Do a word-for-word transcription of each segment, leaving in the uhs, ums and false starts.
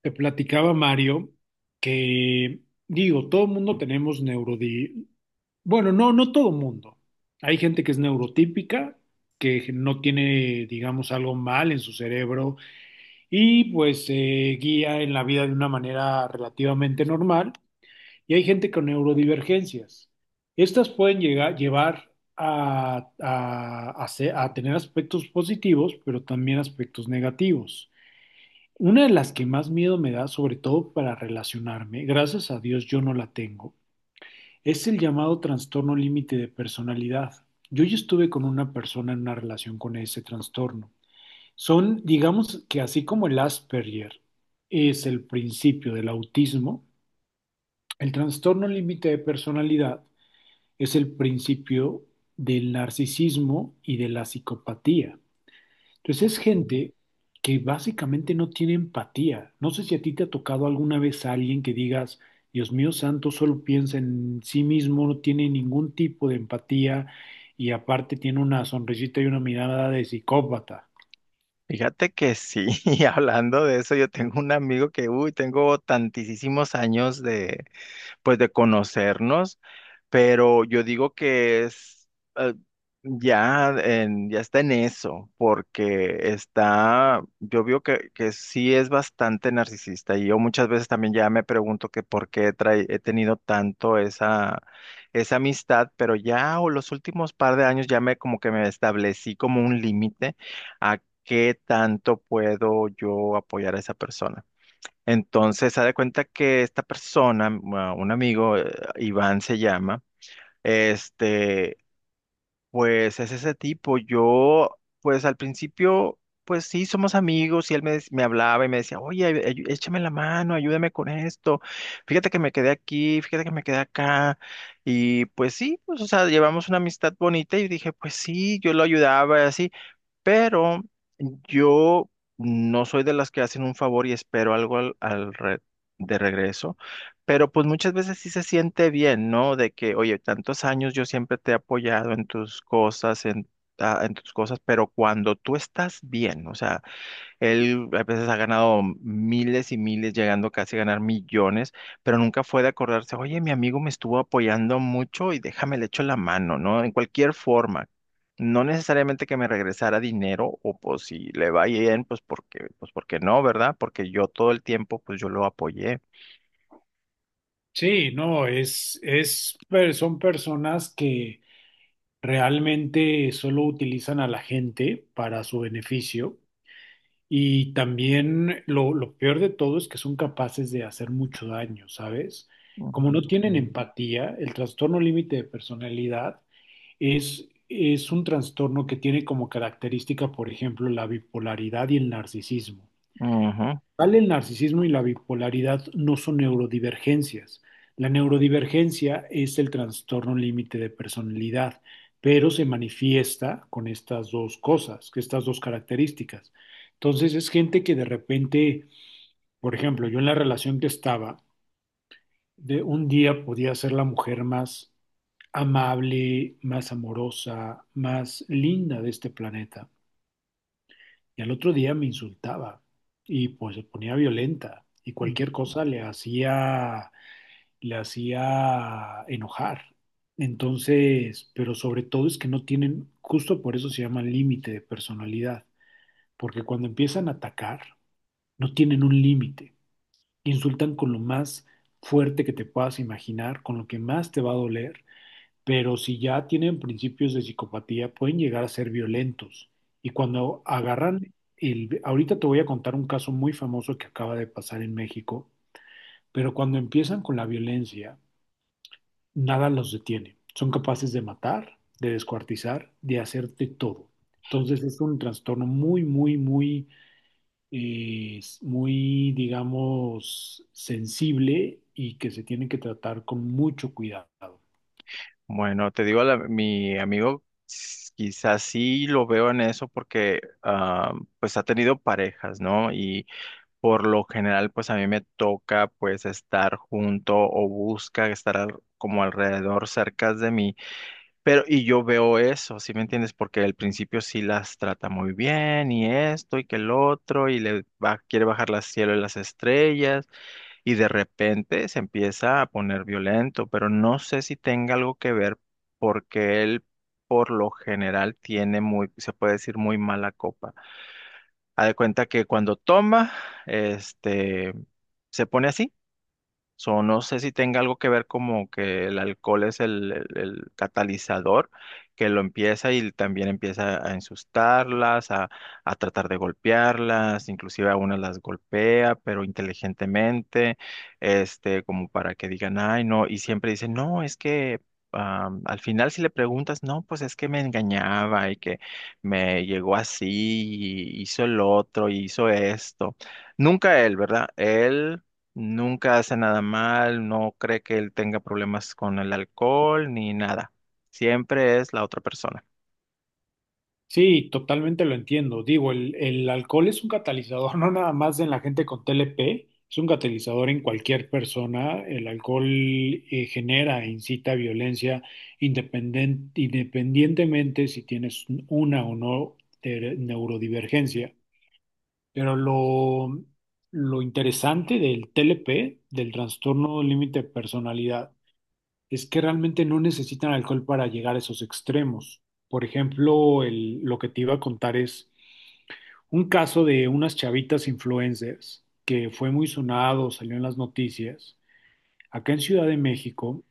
Te platicaba Mario que, digo, todo mundo tenemos neurodi... Bueno, no, no todo mundo. Hay gente que es neurotípica, que no tiene, digamos, algo mal en su cerebro y pues se guía en la vida de una manera relativamente normal. Y hay gente con neurodivergencias. Estas pueden llegar, llevar a, a a ser- a tener aspectos positivos, pero también aspectos negativos. Una de las que más miedo me da, sobre todo para relacionarme, gracias a Dios yo no la tengo, es el llamado trastorno límite de personalidad. Yo ya estuve con una persona en una relación con ese trastorno. Son, digamos que así como el Asperger es el principio del autismo, el trastorno límite de personalidad es el principio del narcisismo y de la psicopatía. Entonces es gente que básicamente no tiene empatía. No sé si a ti te ha tocado alguna vez a alguien que digas: Dios mío santo, solo piensa en sí mismo, no tiene ningún tipo de empatía y aparte tiene una sonrisita y una mirada de psicópata. Fíjate que sí, y hablando de eso, yo tengo un amigo que, uy, tengo tantísimos años de, pues de conocernos, pero yo digo que es eh, ya en- ya está en eso, porque está, yo veo que, que sí es bastante narcisista y yo muchas veces también ya me pregunto que por qué trae- he tenido tanto esa, esa amistad, pero ya o los últimos par de años ya me como que me establecí como un límite a qué tanto puedo yo apoyar a esa persona. Entonces, haz de cuenta que esta persona, ma- un amigo, eh, Iván se llama, este, pues es ese tipo. Yo, pues al principio, pues sí, somos amigos y él me, dec- me hablaba y me decía, oye, ay- ay- échame la mano, ayúdame con esto. Fíjate que me quedé aquí, fíjate que me quedé acá. Y pues sí, pues, o sea, llevamos una amistad bonita y dije, pues sí, yo lo ayudaba así. Pero yo no soy de las que hacen un favor y espero algo al, al re- de regreso. Pero pues muchas veces sí se siente bien, ¿no? De que, oye, tantos años yo siempre te he apoyado en tus cosas, en, ah, en tus cosas, pero cuando tú estás bien, o sea, él a veces ha ganado miles y miles, llegando casi a ganar millones, pero nunca fue de acordarse, oye, mi amigo me estuvo apoyando mucho y déjame le echo la mano, ¿no? En cualquier forma. No necesariamente que me regresara dinero o pues si le va bien, pues porque, pues porque no, ¿verdad? Porque yo todo el tiempo, pues yo lo apoyé. Sí, no, es, es, per- son personas que realmente solo utilizan a la gente para su beneficio. Y también lo, lo peor de todo es que son capaces de hacer mucho daño, ¿sabes? Como no Ujú. tienen empatía, el trastorno límite de personalidad es, es un trastorno que tiene como característica, por ejemplo, la bipolaridad y el narcisismo Ujú. tal, el narcisismo y la bipolaridad no son neurodivergencias. La neurodivergencia es el trastorno límite de personalidad, pero se manifiesta con estas dos cosas, que estas dos características. Entonces es gente que de repente, por ejemplo, yo en la relación que estaba, de un día podía ser la mujer más amable, más amorosa, más linda de este planeta. Y al otro día me insultaba y pues se ponía violenta y cualquier cosa le hacía, le hacía enojar. Entonces, pero sobre todo es que no tienen, justo por eso se llama límite de personalidad, porque cuando empiezan a atacar, no tienen un límite. Insultan con lo más fuerte que te puedas imaginar, con lo que más te va a doler, pero si ya tienen principios de psicopatía, pueden llegar a ser violentos. Y cuando agarran el... Ahorita te voy a contar un caso muy famoso que acaba de pasar en México, pero cuando empiezan con la violencia, nada los detiene. Son capaces de matar, de descuartizar, de hacerte todo. Entonces es un trastorno muy, muy, muy, eh, muy, digamos, sensible y que se tiene que tratar con mucho cuidado. Bueno, te digo, la- mi amigo s- quizás sí lo veo en eso porque ah, pues ha tenido parejas, ¿no? Y por lo general, pues a mí me toca pues estar junto o busca estar al- como alrededor, cerca de mí. Pero, y yo veo eso, ¿sí me entiendes? Porque al principio sí las trata muy bien y esto y que el otro y le va- quiere bajar las cielo y las estrellas y de repente se empieza a poner violento, pero no sé si tenga algo que ver porque él por lo general tiene muy, se puede decir muy mala copa. Haz de cuenta que cuando toma, este, se pone así. So, no sé si tenga algo que ver como que el alcohol es el, el- el catalizador que lo empieza y también empieza a ensustarlas, a, a tratar de golpearlas, inclusive a unas las golpea, pero inteligentemente, este, como para que digan, ay, no, y siempre dicen, no, es que am, al final si le preguntas, no, pues es que me engañaba y que me llegó así y hizo el otro y hizo esto. Nunca él, ¿verdad? Él nunca hace nada mal, no cree que él tenga problemas con el alcohol ni nada. Siempre es la otra persona. Sí, totalmente lo entiendo. Digo, el, el alcohol es un catalizador, no nada más en la gente con T L P, es un catalizador en cualquier persona. El alcohol eh, genera e incita violencia independen- independientemente si tienes una o no, eh, neurodivergencia. Pero lo, lo interesante del T L P, del trastorno límite de personalidad, es que realmente no necesitan alcohol para llegar a esos extremos. Por ejemplo, el- lo que te iba a contar es un caso de unas chavitas influencers que fue muy sonado, salió en las noticias, acá en Ciudad de México.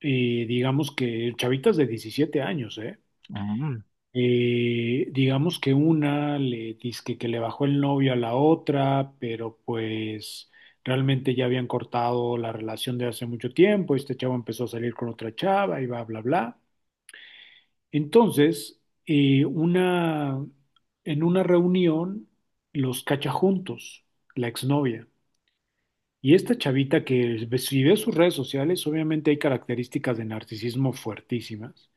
eh, Digamos, que chavitas de diecisiete años, ¿eh? Mm. Eh, digamos que una le dice que le bajó el novio a la otra, pero pues realmente ya habían cortado la relación de hace mucho tiempo, este chavo empezó a salir con otra chava y va, bla, bla. Entonces, eh, una, en una reunión los cacha juntos, la exnovia. Y esta chavita que ve- si ve sus redes sociales, obviamente hay características de narcisismo fuertísimas,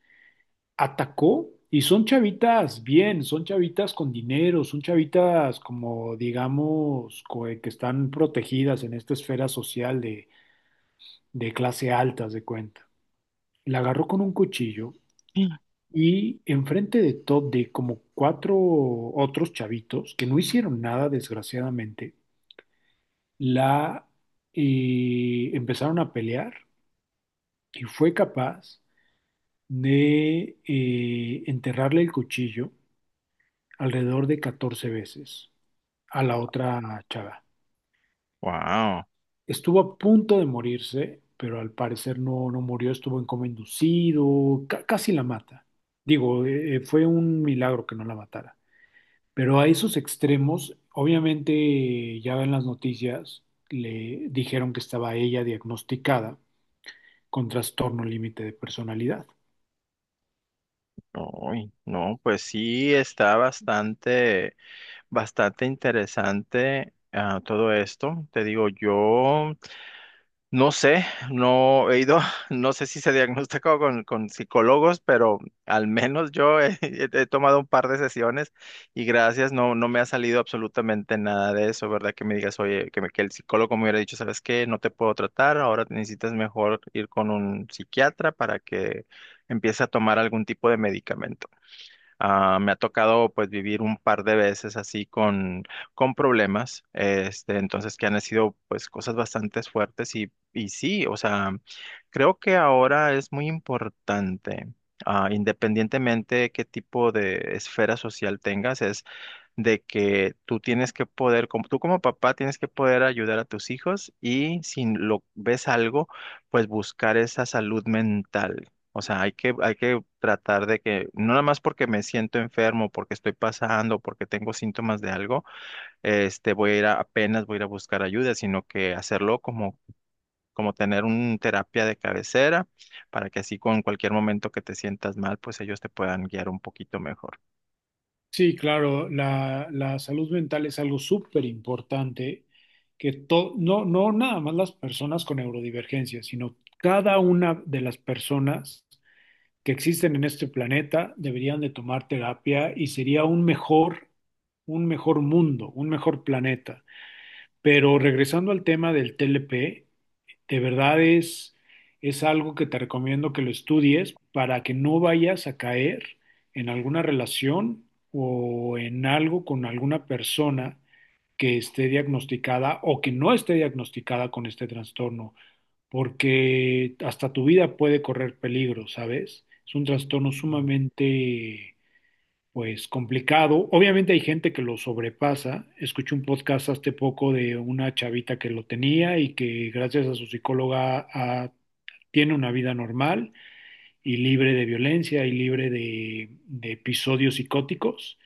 atacó. Y son chavitas bien, son chavitas con dinero, son chavitas como digamos co- eh, que están protegidas en esta esfera social de, de clase alta, haz de cuenta. La agarró con un cuchillo y enfrente de todo, de como cuatro otros chavitos que no hicieron nada, desgraciadamente, la eh, empezaron a pelear y fue capaz de eh, enterrarle el cuchillo alrededor de catorce veces a la otra chava. Wow. Estuvo a punto de morirse, pero al parecer no, no murió, estuvo en coma inducido, ca- casi la mata. Digo, eh, eh, fue un milagro que no la matara. Pero a esos extremos, obviamente ya en las noticias le dijeron que estaba ella diagnosticada con trastorno límite de personalidad. Uy, no, pues sí está bastante, bastante interesante ah, todo esto. Te digo, yo no sé, no he ido, no sé si se diagnosticó con, con psicólogos, pero al menos yo he, he- he tomado un par de sesiones y gracias, no, no me ha salido absolutamente nada de eso, ¿verdad? Que me digas, oye, que, me- que el psicólogo me hubiera dicho, ¿sabes qué? No te puedo tratar, ahora necesitas mejor ir con un psiquiatra para que empiece a tomar algún tipo de medicamento. Ah, me ha tocado pues vivir un par de veces así con, con problemas, este, entonces que han sido pues cosas bastante fuertes y, y sí, o sea, creo que ahora es muy importante, ah, independientemente de qué tipo de esfera social tengas, de que tú tienes que poder, como, tú como papá tienes que poder ayudar a tus hijos y si lo ves algo, pues buscar esa salud mental. O sea, hay que, hay que tratar de que, no nada más porque me siento enfermo, porque estoy pasando, porque tengo síntomas de algo, este, voy a ir a- apenas voy a ir a buscar ayuda, sino que hacerlo como, como tener una terapia de cabecera para que así con cualquier momento que te sientas mal, pues ellos te puedan guiar un poquito mejor. Sí, claro, la, la salud mental es algo súper importante, que to- no, no nada más las personas con neurodivergencia, sino cada una de las personas que existen en este planeta deberían de tomar terapia y sería un mejor, un mejor mundo, un mejor planeta. Pero regresando al tema del T L P, de verdad es, es algo que te recomiendo que lo estudies para que no vayas a caer en alguna relación o en algo con alguna persona que esté diagnosticada o que no esté diagnosticada con este trastorno, porque hasta tu vida puede correr peligro, ¿sabes? Es un trastorno sumamente pues complicado. Obviamente hay gente que lo sobrepasa. Escuché un podcast hace poco de una chavita que lo tenía y que gracias a su psicóloga, ah, tiene una vida normal y libre de violencia y libre de, de episodios psicóticos,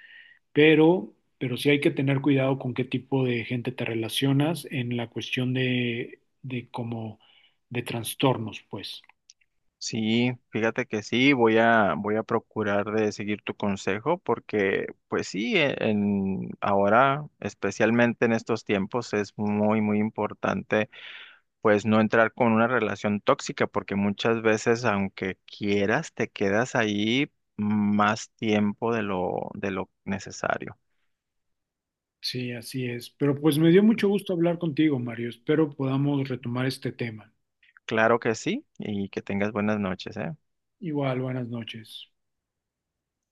pero, pero sí hay que tener cuidado con qué tipo de gente te relacionas en la cuestión de, de como de trastornos, pues. Sí, fíjate que sí, voy a, voy a procurar de seguir tu consejo porque, pues sí, e- en, ahora, especialmente en estos tiempos, es muy, muy importante, pues no entrar con una relación tóxica porque muchas veces, aunque quieras, te quedas ahí más tiempo de lo, de lo necesario. Sí, así es. Pero pues me dio mucho gusto hablar contigo, Mario. Espero podamos retomar este tema. Claro que sí, y que tengas buenas noches, ¿eh? Igual, buenas noches.